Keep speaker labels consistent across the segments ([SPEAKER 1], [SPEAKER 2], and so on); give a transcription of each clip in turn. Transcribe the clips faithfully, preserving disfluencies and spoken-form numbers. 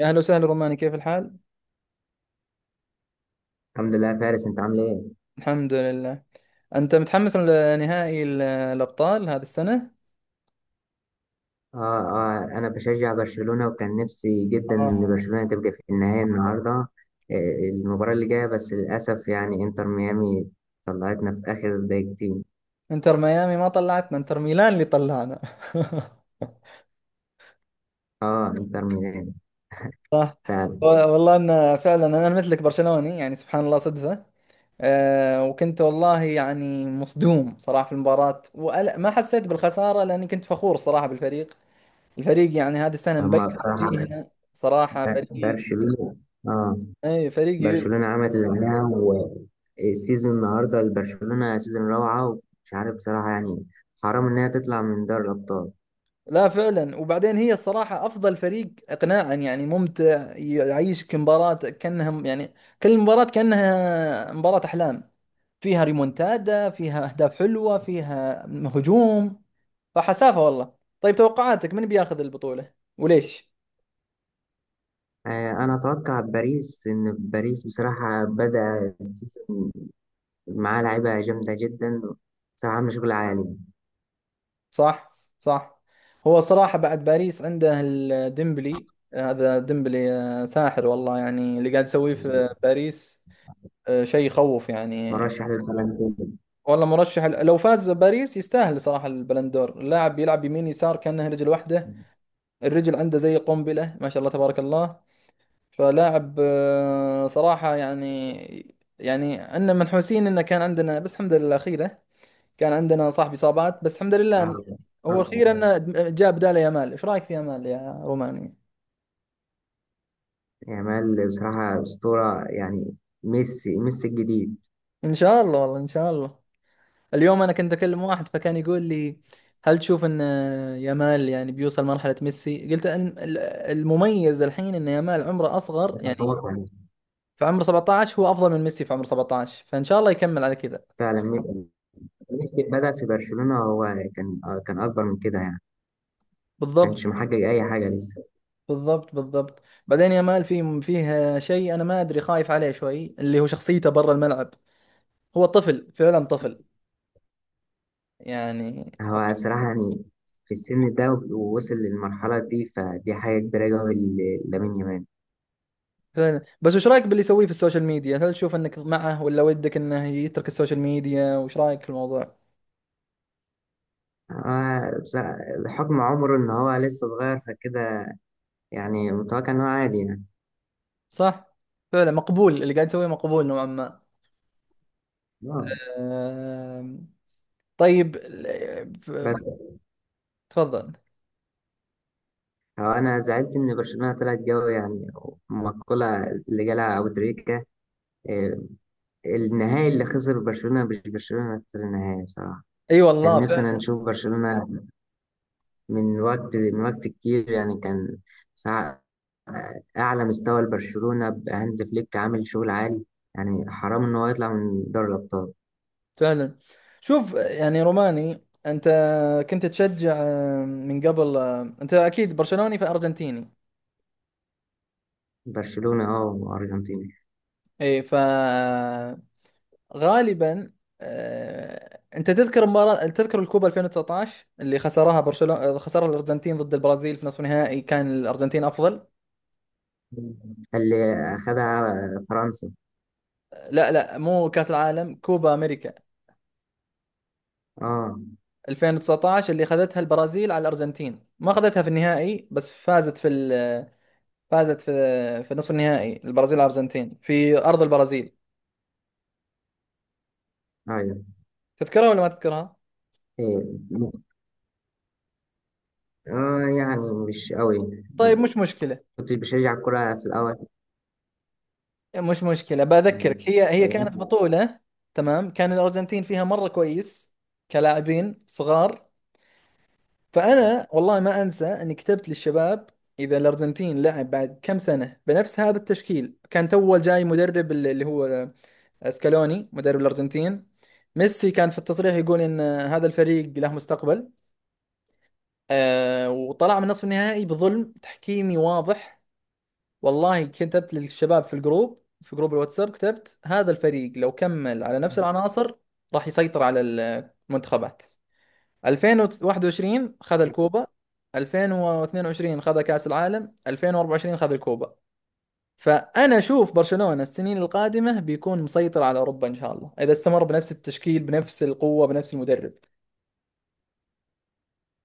[SPEAKER 1] يا أهلا وسهلا روماني، كيف الحال؟
[SPEAKER 2] الحمد لله يا فارس، انت عامل ايه؟
[SPEAKER 1] الحمد لله. أنت متحمس لنهائي ال- الأبطال هذه السنة؟
[SPEAKER 2] اه اه انا بشجع برشلونة وكان نفسي جدا ان
[SPEAKER 1] آه.
[SPEAKER 2] برشلونة تبقى في النهاية النهاردة. آه، المباراة اللي جاية بس للأسف يعني انتر ميامي طلعتنا في آخر دقيقتين.
[SPEAKER 1] إنتر ميامي ما طلعتنا، إنتر ميلان اللي طلعنا.
[SPEAKER 2] اه انتر ميامي
[SPEAKER 1] صح.
[SPEAKER 2] فعلا.
[SPEAKER 1] والله أن فعلا أنا مثلك برشلوني، يعني سبحان الله صدفة. أه وكنت والله يعني مصدوم صراحة في المباراة وما حسيت بالخسارة لأني كنت فخور صراحة بالفريق. الفريق يعني هذه السنة مبين
[SPEAKER 2] هما بصراحة
[SPEAKER 1] وجيهنا، صراحة
[SPEAKER 2] ب-
[SPEAKER 1] فريق،
[SPEAKER 2] برشلونة. اه
[SPEAKER 1] أي فريق.
[SPEAKER 2] برشلونة عملت اللي عليها، والسيزون النهاردة لبرشلونة سيزون روعة ومش عارف بصراحة يعني حرام انها تطلع من دوري الأبطال.
[SPEAKER 1] لا فعلا، وبعدين هي الصراحة أفضل فريق إقناعا، يعني ممتع، يعيشك مباراة كأنها يعني كل مباراة كأنها مباراة أحلام، فيها ريمونتادا، فيها أهداف حلوة، فيها هجوم. فحسافة والله. طيب، توقعاتك من بياخذ البطولة وليش؟
[SPEAKER 2] آه، انا اتوقع باريس، ان باريس بصراحه بدا السيزون معاه لعيبه جامده جدا، بصراحه عامله شغل عالي.
[SPEAKER 1] صح صح. هو صراحة بعد باريس عنده الديمبلي. هذا ديمبلي آه، ساحر والله، يعني اللي قاعد يسويه في باريس آه، شيء يخوف يعني.
[SPEAKER 2] مرشح للبالون دور.
[SPEAKER 1] والله مرشح، لو فاز باريس يستاهل صراحة البلندور. اللاعب بيلعب يمين يسار كأنه رجل واحدة. الرجل عنده زي قنبلة، ما شاء الله تبارك الله. فلاعب آه، صراحة يعني يعني عندنا منحوسين انه كان عندنا، بس الحمد لله خيرة. كان عندنا صاحب اصابات، بس الحمد لله إن-
[SPEAKER 2] آه،
[SPEAKER 1] هو خير انه جاب بداله يامال. ايش رايك في يامال يا روماني؟
[SPEAKER 2] يامال بصراحه اسطوره يعني. ميسي ميسي الجديد.
[SPEAKER 1] ان شاء الله، والله ان شاء الله. اليوم انا كنت اكلم واحد فكان يقول لي هل تشوف ان يامال يعني بيوصل مرحلة ميسي؟ قلت ان ال- المميز الحين ان يامال عمره اصغر يعني،
[SPEAKER 2] يتفوق عليه.
[SPEAKER 1] في عمر سبعة عشر هو افضل من ميسي في عمر سبعة عشر، فان شاء الله يكمل على كذا.
[SPEAKER 2] فعلا. مي- ميسي بدا في برشلونه، هو كان آه، كان اكبر من كده يعني، كانش
[SPEAKER 1] بالضبط
[SPEAKER 2] محقق اي حاجه لسه.
[SPEAKER 1] بالضبط بالضبط. بعدين يامال في فيه شيء انا ما ادري، خايف عليه شوي اللي هو شخصيته برا الملعب. هو طفل، فعلا طفل يعني.
[SPEAKER 2] هو بصراحه يعني في السن ده ووصل للمرحله دي، فدي حاجه كبيره قوي، لامين يامال.
[SPEAKER 1] فعلا. بس وش رايك باللي يسويه في السوشيال ميديا؟ هل تشوف انك معه ولا ودك انه يترك السوشيال ميديا؟ وش رايك في الموضوع؟
[SPEAKER 2] آه، بس- بحكم عمره إن هو لسه صغير فكده يعني متوقع إن هو عادي يعني.
[SPEAKER 1] صح. فعلا مقبول، اللي قاعد تسويه مقبول نوعا ما.
[SPEAKER 2] آه.
[SPEAKER 1] آم، طيب ال- ف-
[SPEAKER 2] بس
[SPEAKER 1] تفضل.
[SPEAKER 2] هو أنا زعلت إن برشلونة طلعت جو يعني، المقولة اللي جالها أبو تريكة، آه، النهائي اللي خسر برشلونة، مش برشلونة خسر النهائي بصراحة.
[SPEAKER 1] اي
[SPEAKER 2] كان
[SPEAKER 1] والله،
[SPEAKER 2] نفسي أنا
[SPEAKER 1] فعلا
[SPEAKER 2] نشوف برشلونة من وقت من وقت كتير يعني، كان بصراحة أعلى مستوى لبرشلونة، هانز فليك عامل شغل عالي، يعني حرام إن هو يطلع من دوري الأبطال.
[SPEAKER 1] فعلا. شوف يعني روماني، انت كنت تشجع آم، من قبل، آم، انت اكيد برشلوني فارجنتيني؟
[SPEAKER 2] برشلونة أه وأرجنتين.
[SPEAKER 1] اي فغالبا. آه، انت تذكر مباراة، تذكر الكوبا ألفين وتسعطاشر اللي خسرها برشلونة، خسرها الارجنتين ضد البرازيل في نصف نهائي، كان الارجنتين افضل.
[SPEAKER 2] اللي أخدها فرنسا.
[SPEAKER 1] لا لا، مو كأس العالم، كوبا امريكا
[SPEAKER 2] اه.
[SPEAKER 1] ألفين وتسعطاشر اللي اخذتها البرازيل على الارجنتين، ما اخذتها في النهائي بس فازت في ال... فازت في في نصف النهائي، البرازيل على الارجنتين في ارض البرازيل.
[SPEAKER 2] ايوه.
[SPEAKER 1] تذكرها ولا ما تذكرها؟
[SPEAKER 2] إيه. م- اه يعني مش قوي،
[SPEAKER 1] طيب مش مشكله،
[SPEAKER 2] كنتش بشجع الكرة في الأول.
[SPEAKER 1] مش مشكله،
[SPEAKER 2] مم.
[SPEAKER 1] بذكرك، هي هي
[SPEAKER 2] إيه.
[SPEAKER 1] كانت بطوله. تمام. كان الارجنتين فيها مره كويس كلاعبين صغار. فانا والله ما انسى اني كتبت للشباب اذا الارجنتين لعب بعد كم سنه بنفس هذا التشكيل، كان تو جاي مدرب اللي هو سكالوني مدرب الأرجنتين. ميسي كان في التصريح يقول إن هذا الفريق له مستقبل. آه وطلع من نصف النهائي بظلم تحكيمي واضح. والله كتبت للشباب في الجروب، في جروب الواتساب كتبت هذا الفريق لو كمل على نفس العناصر راح يسيطر على المنتخبات. ألفين وواحد وعشرين خذ الكوبا، ألفين واثنين وعشرين خذ كأس العالم، ألفين وأربعة وعشرين خذ الكوبا. فأنا أشوف برشلونة السنين القادمة بيكون مسيطر على أوروبا إن شاء الله، إذا استمر بنفس التشكيل بنفس القوة بنفس المدرب.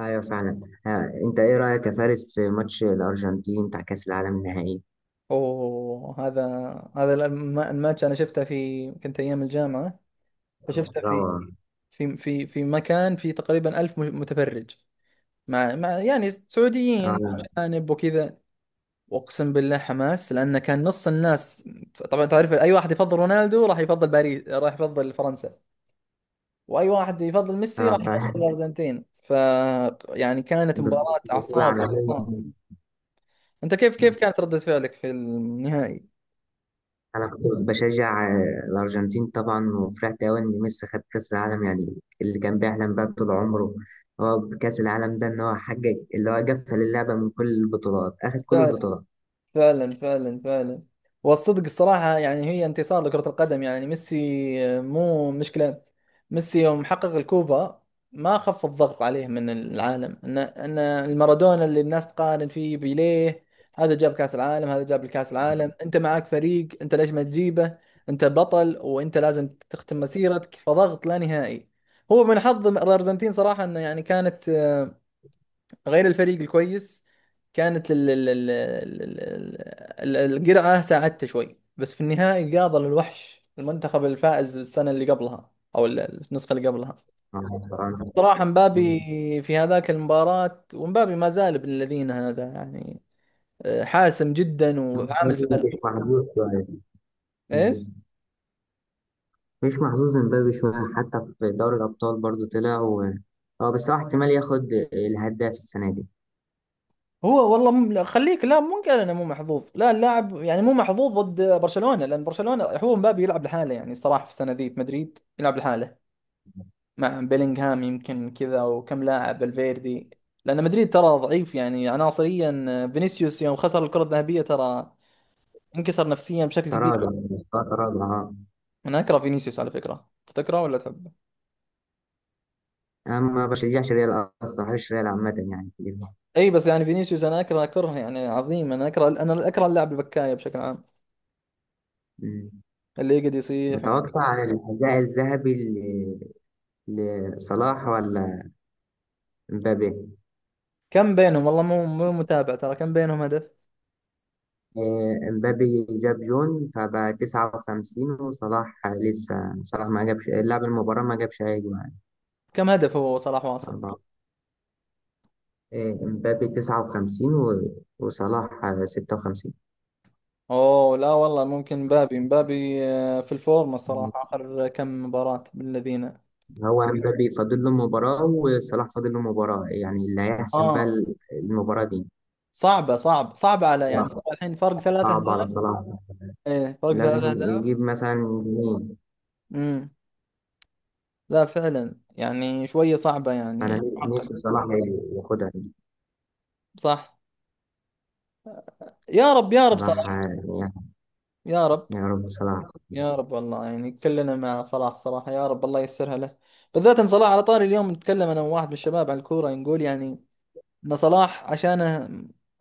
[SPEAKER 2] ايوه فعلا. آه. انت ايه رأيك يا فارس في ماتش الأرجنتين بتاع كأس العالم النهائي؟
[SPEAKER 1] أوه، هذا هذا الم- الماتش أنا شفته في كنت أيام الجامعة، فشفته في
[SPEAKER 2] اه
[SPEAKER 1] في في في مكان فيه تقريبا ألف م- متفرج. مع, مع يعني سعوديين
[SPEAKER 2] اه
[SPEAKER 1] أجانب وكذا. وأقسم بالله حماس، لأن كان نص الناس طبعا تعرف، أي واحد يفضل رونالدو راح يفضل باريس راح يفضل فرنسا، واي واحد يفضل ميسي راح
[SPEAKER 2] آه،
[SPEAKER 1] يفضل
[SPEAKER 2] فعلا.
[SPEAKER 1] الارجنتين. ف يعني كانت مباراة
[SPEAKER 2] بطولة
[SPEAKER 1] اعصاب.
[SPEAKER 2] عالمية.
[SPEAKER 1] انت كيف كيف كانت ردة فعلك في النهائي؟
[SPEAKER 2] انا كنت بشجع آه، الارجنتين طبعا، وفرحت قوي ان ميسي خد كاس العالم يعني، اللي كان بيحلم بقى طول عمره هو بكاس العالم ده، ان هو حقق اللي هو قفل اللعبه من كل البطولات، اخد كل البطولات.
[SPEAKER 1] فعلا فعلا فعلا. والصدق الصراحة يعني هي انتصار لكرة القدم يعني، ميسي مو مشكلة. ميسي يوم حقق الكوبا، ما خف الضغط عليه من العالم ان ان المارادونا اللي الناس تقارن فيه بيليه، هذا جاب كأس العالم، هذا جاب الكأس العالم، انت معك فريق انت، ليش ما تجيبه؟ انت بطل وانت لازم تختم مسيرتك، فضغط لا نهائي. هو من حظ الارجنتين صراحة انه يعني كانت غير الفريق الكويس، كانت ال ال ال ال ال ال- القرعة ساعدته شوي، بس في النهائي قاضى للوحش، المنتخب الفائز السنة اللي قبلها أو ال- النسخة اللي قبلها.
[SPEAKER 2] آه، طبعاً.
[SPEAKER 1] صراحة مبابي
[SPEAKER 2] مم.
[SPEAKER 1] في هذاك المباراة، ومبابي ما زال ابن الذين هذا يعني آه، حاسم جدا وعامل
[SPEAKER 2] مبابي مش
[SPEAKER 1] فارق.
[SPEAKER 2] محظوظ شويه.
[SPEAKER 1] ايش؟
[SPEAKER 2] مم. مش محظوظ امبابي شويه، حتى في دوري الابطال برضو طلع و... هو بس هو احتمال ياخد الهداف السنه دي.
[SPEAKER 1] هو والله مم... لا، خليك، لا مو قال انا مو محظوظ، لا اللاعب يعني مو محظوظ ضد برشلونة لان برشلونة، هو مبابي يلعب لحاله يعني، صراحة في السنة ذي في مدريد يلعب لحاله مع بيلينغهام يمكن، كذا وكم لاعب الفيردي، لان مدريد ترى ضعيف يعني عناصريا. آه، فينيسيوس يوم خسر الكرة الذهبية ترى منكسر نفسيا بشكل كبير.
[SPEAKER 2] تراجع. آه، تراجع اه.
[SPEAKER 1] انا اكره فينيسيوس على فكرة، أنت تكرهه ولا تحبه؟
[SPEAKER 2] انا ما بشجعش ريال اصلا، ما بحبش ريال عامه يعني.
[SPEAKER 1] اي بس يعني فينيسيوس انا اكره كره يعني عظيم، انا اكره، انا اكره اللاعب البكاية بشكل عام،
[SPEAKER 2] مم.
[SPEAKER 1] اللي يقعد يصيح و...
[SPEAKER 2] متوقع عن الحذاء الذهبي ل- لصلاح ولا مبابي؟
[SPEAKER 1] كم بينهم والله مو مو متابع، ترى كم بينهم هدف؟
[SPEAKER 2] آه، مبابي جاب جون فبقى تسعة وخمسين وصلاح لسه. صلاح ما جابش، لعب المباراة ما جابش أي جون يعني.
[SPEAKER 1] كم هدف هو صلاح واصل؟
[SPEAKER 2] أربعة. آه، مبابي تسعة وخمسين و- وصلاح آه، ستة وخمسين.
[SPEAKER 1] اوه لا والله، ممكن مبابي مبابي آه، في الفورمة الصراحة، اخر كم مباراة بالذين.
[SPEAKER 2] هو مبابي فاضل له مباراة وصلاح فاضل له مباراة، يعني اللي هيحسم بقى
[SPEAKER 1] اه.
[SPEAKER 2] المباراة دي.
[SPEAKER 1] صعبة، صعب صعبة على، يعني
[SPEAKER 2] صعب،
[SPEAKER 1] هو الحين فرق ثلاث
[SPEAKER 2] صعب على
[SPEAKER 1] أهداف.
[SPEAKER 2] صلاح.
[SPEAKER 1] إيه، فرق ثلاث
[SPEAKER 2] لازم
[SPEAKER 1] أهداف.
[SPEAKER 2] يجيب مثلا جنيه.
[SPEAKER 1] امم. لا فعلا يعني شوية صعبة
[SPEAKER 2] أنا
[SPEAKER 1] يعني، معقد.
[SPEAKER 2] نفسي صلاح ياخدها.
[SPEAKER 1] صح. يا رب يا رب
[SPEAKER 2] صلاح
[SPEAKER 1] صلاح.
[SPEAKER 2] يعني،
[SPEAKER 1] يا رب.
[SPEAKER 2] يا رب صلاح.
[SPEAKER 1] يا رب والله يعني كلنا مع صلاح صراحة، يا رب الله ييسرها له. بالذات إن صلاح على طاري. اليوم نتكلم أنا وواحد من الشباب على الكورة نقول يعني إن صلاح عشانه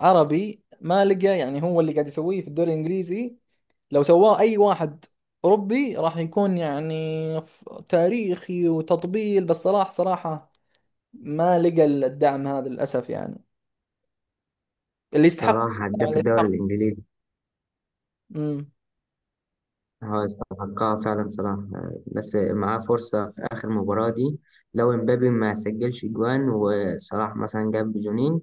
[SPEAKER 1] عربي ما لقى، يعني هو اللي قاعد يسويه في الدوري الإنجليزي لو سواه أي واحد أوروبي راح يكون يعني ف- تاريخي وتطبيل، بس صلاح صراحة ما لقى الدعم هذا للأسف يعني، اللي يستحق،
[SPEAKER 2] صلاح هداف
[SPEAKER 1] اللي
[SPEAKER 2] الدوري
[SPEAKER 1] يستحق.
[SPEAKER 2] الإنجليزي،
[SPEAKER 1] امم.
[SPEAKER 2] هو يستحقها فعلا صلاح. آه، بس معاه فرصة في آخر مباراة دي، لو امبابي ما سجلش جوان وصلاح مثلا جاب جونين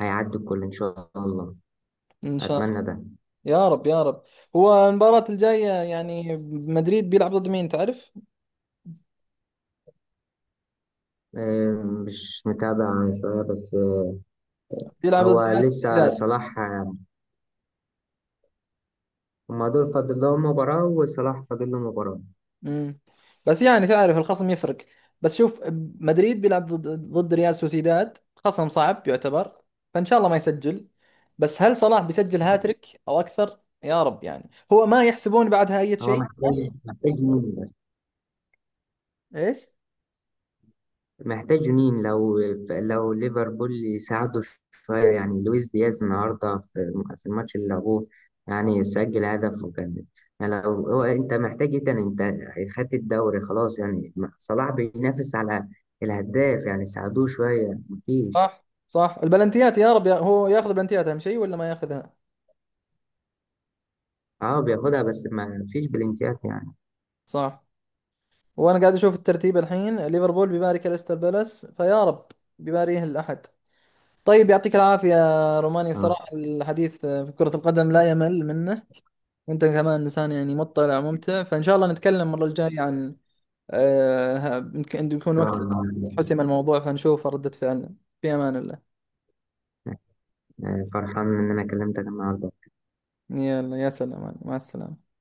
[SPEAKER 2] هيعدي الكل إن شاء الله.
[SPEAKER 1] إن شاء
[SPEAKER 2] أتمنى
[SPEAKER 1] الله.
[SPEAKER 2] ده.
[SPEAKER 1] يا رب يا رب. هو المباراة الجاية يعني مدريد بيلعب ضد مين تعرف؟
[SPEAKER 2] آه، مش متابع شوية بس. آه،
[SPEAKER 1] بيلعب ضد
[SPEAKER 2] هو
[SPEAKER 1] ريال
[SPEAKER 2] لسه
[SPEAKER 1] سوسيداد.
[SPEAKER 2] صلاح آه، هما دول فاضل لهم مباراة وصلاح فاضل له مباراة.
[SPEAKER 1] مم. بس يعني تعرف الخصم يفرق. بس شوف، مدريد بيلعب ضد ضد ريال سوسيداد، خصم صعب يعتبر. فان شاء الله ما يسجل، بس هل صلاح بيسجل هاتريك او اكثر؟ يا رب يعني هو ما يحسبون بعدها اي
[SPEAKER 2] هو
[SPEAKER 1] شيء
[SPEAKER 2] محتاج،
[SPEAKER 1] خلاص.
[SPEAKER 2] محتاج مين
[SPEAKER 1] ايش؟
[SPEAKER 2] محتاج جنين، لو لو ليفربول يساعده شوية يعني. لويس دياز النهاردة في في الماتش اللي لعبوه يعني سجل هدف، وكان يعني لو هو، انت محتاج ايه تاني؟ انت خدت الدوري خلاص يعني، صلاح بينافس على الهداف، يعني ساعدوه شوية مفيش.
[SPEAKER 1] صح صح. البلنتيات يا رب، يا هو ياخذ بلنتيات اهم شيء ولا ما ياخذها؟
[SPEAKER 2] اه بياخدها، بس ما فيش بلنتيات يعني.
[SPEAKER 1] صح. وانا قاعد اشوف الترتيب الحين، ليفربول بيباري كريستال بالاس، فيا رب، بيباريه الاحد. طيب يعطيك العافية روماني،
[SPEAKER 2] اه ان
[SPEAKER 1] صراحة الحديث في كرة القدم لا يمل منه، وانت كمان انسان يعني مطلع وممتع. فان شاء الله نتكلم المره الجايه عن آه ها- يمكن يكون
[SPEAKER 2] شاء
[SPEAKER 1] وقت
[SPEAKER 2] الله.
[SPEAKER 1] حسم الموضوع فنشوف ردة فعلنا. في امان الله.
[SPEAKER 2] آه، فرحان ان انا كلمتك النهاردة.
[SPEAKER 1] يلا يا سلام، مع السلامه.